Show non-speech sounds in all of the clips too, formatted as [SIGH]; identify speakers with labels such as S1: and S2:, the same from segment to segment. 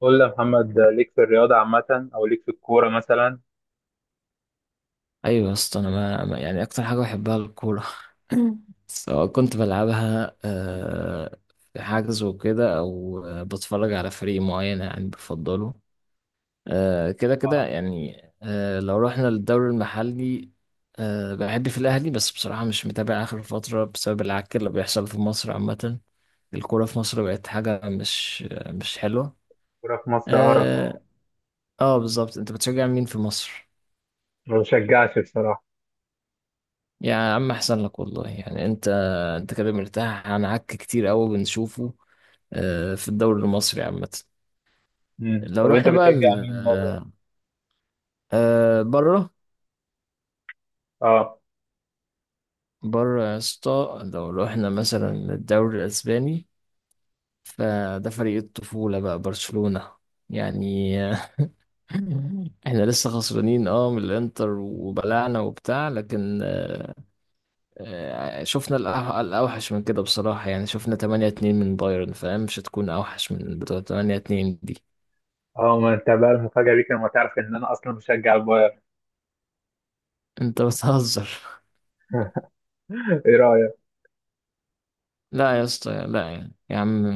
S1: قول لي يا محمد، ليك في الرياضة عامة أو ليك في الكورة مثلا؟
S2: ايوه يا اسطى، انا يعني اكتر حاجه بحبها الكوره [LAUGHS] سواء كنت بلعبها في حجز وكده، او بتفرج على فريق معين يعني بفضله. كده كده
S1: اه.
S2: يعني، لو رحنا للدوري المحلي، بحب في الاهلي، بس بصراحه مش متابع اخر فتره بسبب العك اللي بيحصل في مصر عامه. الكوره في مصر بقت حاجه مش حلوه.
S1: الكورة في مصر قرف، اه.
S2: اه. بالظبط، انت بتشجع مين في مصر؟
S1: ما بشجعش بصراحة.
S2: يا عم احسن لك والله، يعني انت كده مرتاح عن عك كتير قوي بنشوفه في الدوري المصري عامة.
S1: مم.
S2: لو
S1: طب أنت
S2: رحنا بقى
S1: بتشجع مين بره؟
S2: بره
S1: اه.
S2: بره يا اسطى، لو رحنا مثلا الدوري الاسباني، فده فريق الطفولة بقى، برشلونة يعني. [LAUGHS] احنا لسه خسرانين، اه، من الانتر وبلعنا وبتاع، لكن شفنا الأوحش من كده بصراحة. يعني شفنا 8-2 من بايرن، فاهم؟ مش هتكون أوحش من بتوع 8-2 دي.
S1: اه، ما أنت بقى المفاجأة ليك لما تعرف إن أنا أصلا بشجع البايرن.
S2: أنت بتهزر؟
S1: [LAUGHS] إيه رأيك؟
S2: [LAUGHS] لا يا اسطى، لا يعني. يا عم،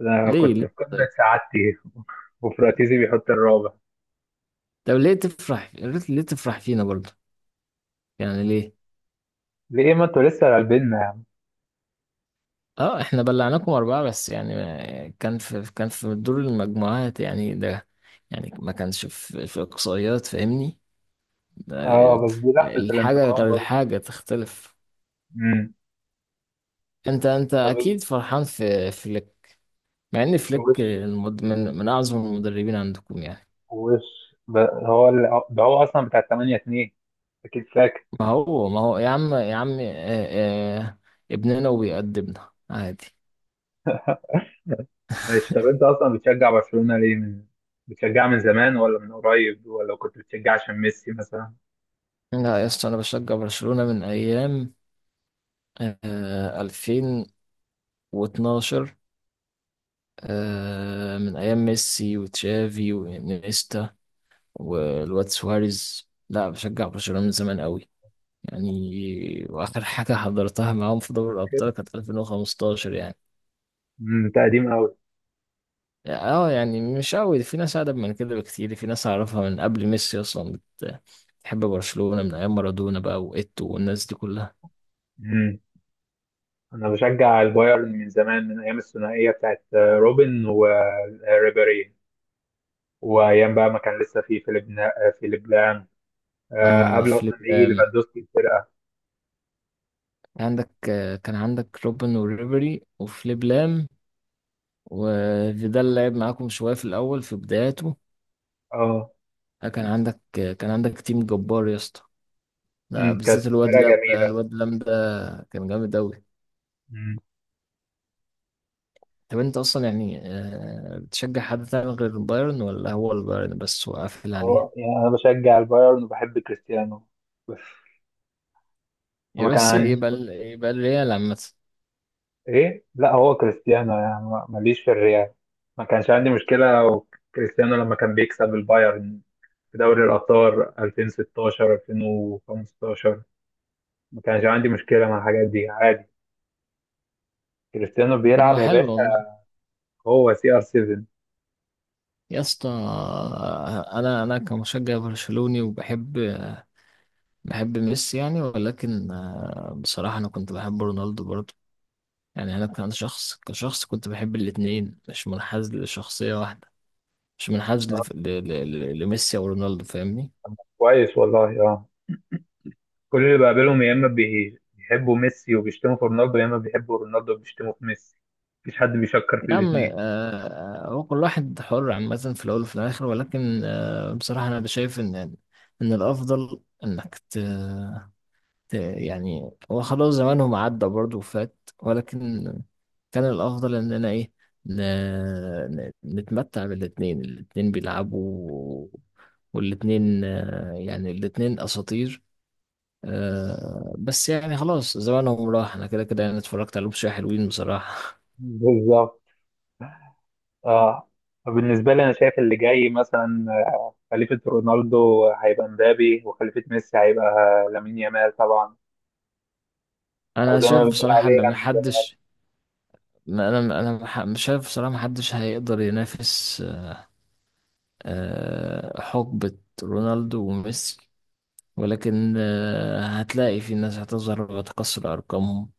S1: أنا
S2: ليه؟
S1: كنت
S2: ليه؟
S1: في قمة
S2: طيب.
S1: سعادتي. [LAUGHS] وفراتيزي بيحط الرابع.
S2: طب ليه تفرح؟ ليه تفرح فينا برضه؟ يعني ليه؟
S1: ليه؟ ما أنتوا لسه غالبيننا يا عم.
S2: اه، احنا بلعناكم أربعة بس، يعني كان في دور المجموعات يعني ده. يعني ما كانش في إقصائيات، فاهمني؟ ده
S1: اه، بس دي لحظة
S2: الحاجة
S1: الانتقام
S2: غير،
S1: برضه.
S2: الحاجة تختلف.
S1: مم.
S2: انت
S1: طب،
S2: اكيد فرحان في. مع ان فليك
S1: وش
S2: من اعظم المدربين عندكم يعني.
S1: وش ب- ده هو أصلا بتاع 8-2. أكيد فاكر.
S2: ما هو يا عم، آه، آه، ابننا وبيقدمنا عادي.
S1: ماشي، طب انت اصلا بتشجع برشلونة ليه؟ من... بتشجع من زمان، ولا من قريب، ولا كنت بتشجع عشان ميسي مثلا؟
S2: لا يا اسطى، انا بشجع برشلونة من ايام، آه، 2012، آه، من ايام ميسي وتشافي وانيستا والواد سواريز. لا بشجع برشلونة من زمان قوي يعني. واخر حاجة حضرتها معاهم في دوري
S1: كده.
S2: الابطال كانت 2015 يعني.
S1: انت قديم قوي.
S2: اه يعني مش قوي، في ناس أقدم من كده بكتير. في ناس أعرفها من قبل ميسي أصلا بتحب برشلونة من أيام مارادونا بقى، وإيتو والناس دي كلها.
S1: امم. انا بشجع البايرن من زمان، من ايام الثنائية بتاعت روبن وريبيري، وايام بقى ما كان لسه في فيليب لام،
S2: اه،
S1: قبل
S2: فليب
S1: اصلا ما يجي
S2: لام.
S1: ليفاندوسكي الفرقة.
S2: عندك كان عندك روبن وريبري وفليب لام، وفيدال لعب معاكم شوية في الأول في بداياته.
S1: اه.
S2: كان عندك تيم جبار يا اسطى. لا،
S1: كانت
S2: بالذات الواد
S1: فرقة
S2: لام ده،
S1: جميلة.
S2: الواد لام ده كان جامد أوي.
S1: امم.
S2: طب أنت أصلا يعني، بتشجع حد تاني غير البايرن، ولا هو البايرن بس وقافل عليها؟
S1: اه، يعني انا بشجع البايرن وبحب كريستيانو بس. هو
S2: يبقى
S1: كان عندي...
S2: يبقى الريال عامة.
S1: ايه، لا هو كريستيانو يعني ماليش في الريال. ما كانش عندي مشكلة لو كريستيانو لما كان بيكسب البايرن في دوري الأبطال 2016 2015، ما كانش عندي مشكلة مع الحاجات دي عادي. كريستيانو
S2: طب
S1: بيلعب
S2: ما
S1: يا
S2: حلو
S1: باشا.
S2: والله
S1: هو CR7.
S2: يا اسطى. انا كمشجع برشلوني، وبحب ميسي يعني، ولكن بصراحة انا كنت بحب رونالدو برضه. يعني انا كان شخص، كشخص كنت بحب الاتنين، مش منحاز لشخصية واحدة. مش منحاز لميسي او رونالدو، فاهمني؟
S1: كويس والله، اه. كل اللي بقابلهم يا اما بيحبوا ميسي وبيشتموا في رونالدو، يا اما بيحبوا رونالدو وبيشتموا في ميسي. مفيش حد بيشكر في
S2: يا عم،
S1: الاثنين.
S2: هو كل واحد حر عامة، في الاول وفي الاخر. ولكن بصراحة انا شايف ان الافضل انك يعني هو خلاص زمانهم عدى برضه وفات. ولكن كان الأفضل إننا إيه، ن... نتمتع بالاتنين. الاتنين بيلعبوا والاتنين يعني الاتنين أساطير. بس يعني خلاص زمانهم راح. أنا كده كده يعني اتفرجت عليهم شوية، حلوين بصراحة.
S1: بالظبط، اه. بالنسبة لي، أنا شايف اللي جاي مثلا، خليفة رونالدو هيبقى مبابي، وخليفة ميسي هيبقى لامين يامال طبعا،
S2: [LAUGHS]
S1: أو
S2: أنا
S1: زي ما
S2: شايف
S1: بنقول
S2: بصراحة
S1: عليه
S2: إن
S1: لامين جمال.
S2: محدش، ما أنا مش شايف بصراحة محدش هيقدر ينافس حقبة رونالدو وميسي. ولكن هتلاقي في ناس هتظهر وتكسر أرقامهم.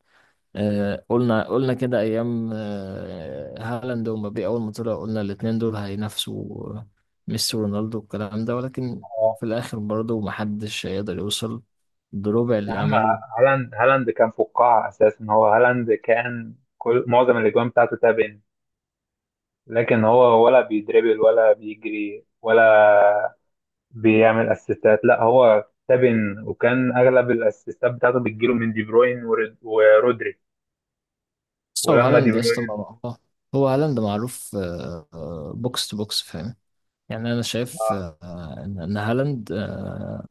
S2: قلنا كده أيام هالاند ومبابي أول ما طلعوا، قلنا الاتنين دول هينافسوا ميسي ورونالدو والكلام ده، ولكن
S1: آه.
S2: في الآخر برضه محدش هيقدر يوصل بربع
S1: يا
S2: اللي
S1: عم،
S2: عملوه.
S1: هالاند هالاند كان فقاعة أساسا. هو هالاند كان كل معظم الأجوان بتاعته تابن. لكن هو ولا بيدربل ولا بيجري ولا بيعمل أسيستات، لا هو تابن، وكان أغلب الأسيستات بتاعته بتجيله من دي بروين ورودري.
S2: بس هو
S1: ولما دي
S2: هالاند يا اسطى
S1: بروين...
S2: هو هالاند معروف بوكس تو بوكس، فاهم؟ يعني أنا شايف إن هالاند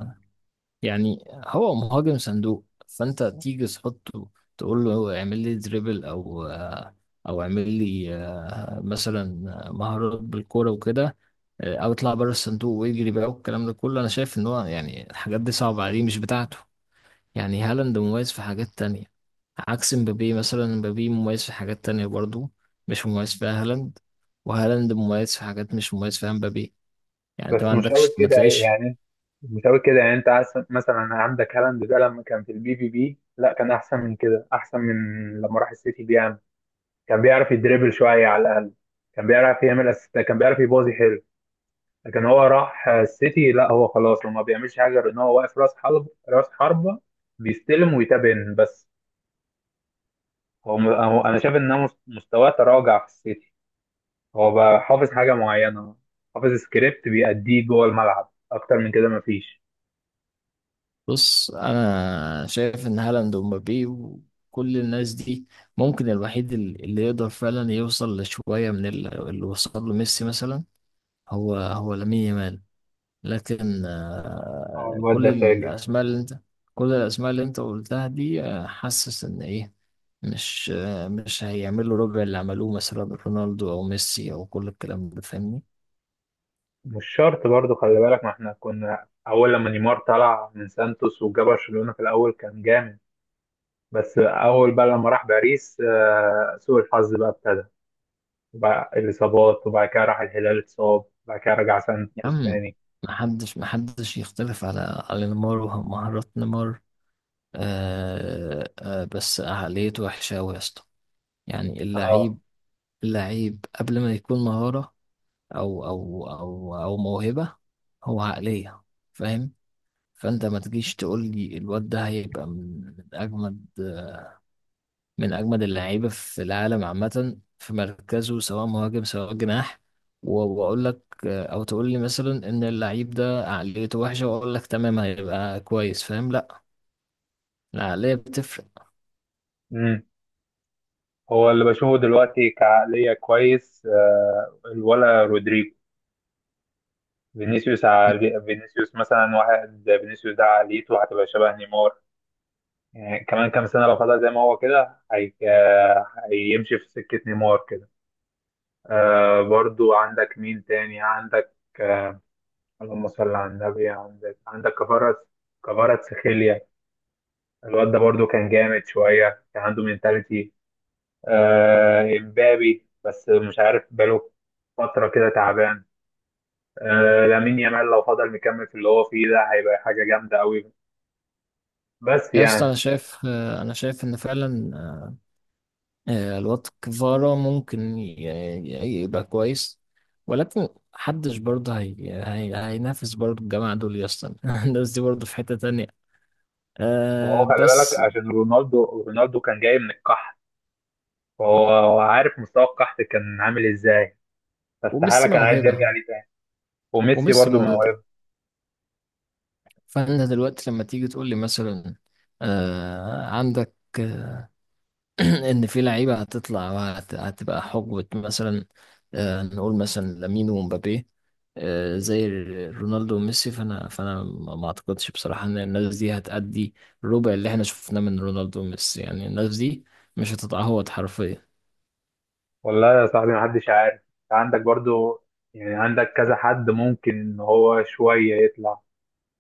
S2: يعني هو مهاجم صندوق. فانت تيجي تحطه، تقول له اعمل لي دريبل، او اعمل لي مثلا مهارات بالكوره وكده، او اطلع بره الصندوق ويجري بقى والكلام ده كله. انا شايف ان هو يعني الحاجات دي صعبه عليه، مش بتاعته. يعني هالاند مميز في حاجات تانية، عكس مبابي مثلا. مبابي مميز في حاجات تانية برضو، مش مميز فيها هالاند. وهالاند مميز في حاجات مش مميز فيها مبابي. يعني انت ما
S1: بس مش قوي
S2: عندكش، ما
S1: كده
S2: تلاقيش.
S1: يعني. مش قوي كده يعني، انت عايز مثلا، عندك هالاند ده لما كان في البي في بي لا كان احسن من كده، احسن من لما راح السيتي. بيعمل... كان بيعرف يدريبل شويه على الاقل، كان بيعرف يعمل اسيست، كان بيعرف يبازي حلو. لكن هو راح السيتي لا، هو خلاص، هو ما بيعملش حاجه غير ان هو واقف راس حربه، بيستلم ويتابن بس. هو انا شايف ان هو مستواه تراجع في السيتي. هو بقى حافظ حاجه معينه، حافظ سكريبت بيأديه جوه الملعب، اكتر من كده مفيش.
S2: بص، انا شايف ان هالاند ومبابي وكل الناس دي، ممكن الوحيد اللي يقدر فعلا يوصل لشويه من اللي وصل له ميسي مثلا، هو لامين يامال. لكن
S1: اه، الواد ده فاجر.
S2: كل الاسماء اللي انت قلتها دي، حاسس ان ايه، مش مش هيعملوا ربع اللي عملوه مثلا رونالدو او ميسي او كل الكلام ده، فاهمني؟
S1: مش شرط برضو، خلي بالك، ما احنا كنا اول لما نيمار طلع من سانتوس وجا برشلونة في الاول كان جامد. بس اول بقى لما راح باريس، سوء الحظ بقى ابتدى. بقى الاصابات، وبعد كده راح الهلال اتصاب، وبعد كده رجع
S2: يا
S1: سانتوس
S2: عم،
S1: تاني.
S2: محدش يختلف على نيمار ومهارات نيمار. آه آه، بس عقليته وحشة أوي يا اسطى. يعني
S1: اه.
S2: اللعيب، قبل ما يكون مهارة أو موهبة، هو عقلية، فاهم؟ فأنت ما تجيش تقول لي الواد ده هيبقى من أجمد، اللعيبة في العالم عامة في مركزه، سواء مهاجم سواء جناح، وأقول لك أو تقول لي مثلا إن اللعيب ده عقليته وحشة وأقول لك تمام هيبقى كويس فاهم، لأ، العقلية بتفرق.
S1: امم. هو اللي بشوفه دلوقتي كعقلية كويس، الولا رودريجو. فينيسيوس مثلا. واحد، فينيسيوس ده عقليته هتبقى شبه نيمار يعني. كمان كام سنة لو فضل زي ما هو كده، هي... آه، هيمشي في سكة نيمار كده. برضو عندك مين تاني؟ عندك آه اللهم صل على النبي. عندك كفارة، كفارة سخيليا. الواد ده برضو كان جامد شوية، كان عنده مينتاليتي. امبابي بس، مش عارف بقاله فترة كده تعبان. لامين يامال لو فضل مكمل في اللي هو فيه ده، هيبقى حاجة جامدة قوي بس
S2: يا اسطى
S1: يعني.
S2: انا شايف، ان فعلا الواد كفارا ممكن يبقى كويس، ولكن محدش برضه هينافس برضه الجماعة دول يا اسطى. [LAUGHS] الناس دي برضه في حتة تانية.
S1: ما هو
S2: أه
S1: خلي بالك،
S2: بس.
S1: عشان رونالدو رونالدو كان جاي من القحط، وهو عارف مستوى القحط كان عامل ازاي، فاستحالة
S2: وميسي
S1: كان عايز
S2: موهبة.
S1: يرجع ليه تاني. وميسي
S2: وميسي
S1: برضو
S2: موهبة
S1: موهبة.
S2: فأنت دلوقتي لما تيجي تقول لي مثلا أه عندك [CLEARS THROAT] ان في لعيبه هتطلع، هتبقى حقبه، مثلا نقول مثلا لامين ومبابي زي رونالدو وميسي، فانا ما اعتقدش بصراحه ان الناس دي هتأدي الربع اللي احنا شفناه من رونالدو وميسي. يعني الناس دي مش هتتعوض حرفيا.
S1: والله يا صاحبي محدش عارف. عندك برضو، يعني عندك كذا حد ممكن ان هو شوية يطلع.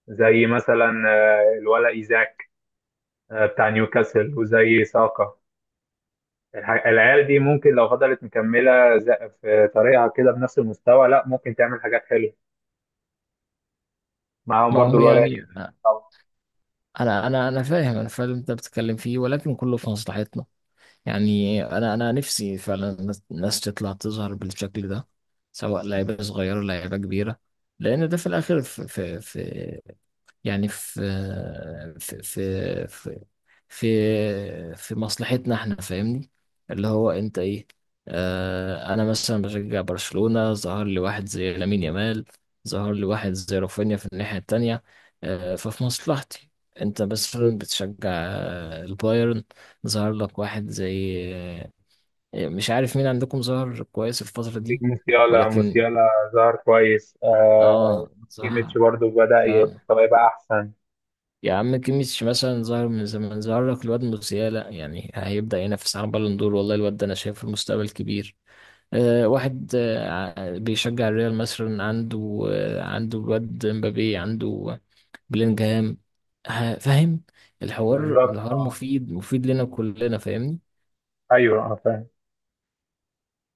S1: زي مثلا الولا ايزاك، بتاع نيوكاسل، وزي ساكا. العيال دي ممكن لو فضلت مكملة، في طريقها كده بنفس المستوى، لا ممكن تعمل حاجات حلوة معاهم.
S2: ما
S1: برضو
S2: هو
S1: الولا
S2: يعني
S1: يمين طبعا.
S2: انا فاهم، اللي انت بتتكلم فيه، ولكن كله في مصلحتنا. يعني انا نفسي فعلا الناس، تطلع تظهر بالشكل ده، سواء لعيبه صغيره لعيبه كبيره، لان ده في الاخر في في, في يعني في في في في مصلحتنا احنا، فاهمني؟ اللي هو انت ايه، آه، انا مثلا بشجع برشلونه، ظهر لي واحد زي لامين يامال، ظهر لي واحد زي رافينيا في الناحيه التانيه. آه ففي مصلحتي. انت مثلا بتشجع البايرن، ظهر لك واحد زي، مش عارف مين عندكم ظهر كويس الفترة دي.
S1: موسيالا
S2: ولكن
S1: موسيالا ظهر كويس، آه.
S2: اه صح.
S1: ايميتش برضو بدأ
S2: آه.
S1: يبقى احسن.
S2: يا عم، كيميتش مثلا ظهر من زمان، ظهر لك الواد موسيالا، يعني هيبدأ ينافس على بالون دور والله. الواد ده انا شايف المستقبل كبير. آه، واحد آه بيشجع الريال مثلا، عنده آه عنده الواد مبابي، عنده بلينجهام، فاهم؟ الحوار،
S1: بالظبط،
S2: الحوار
S1: اه.
S2: مفيد، مفيد لنا كلنا، فاهمني؟
S1: ايوه، اه، فاهم.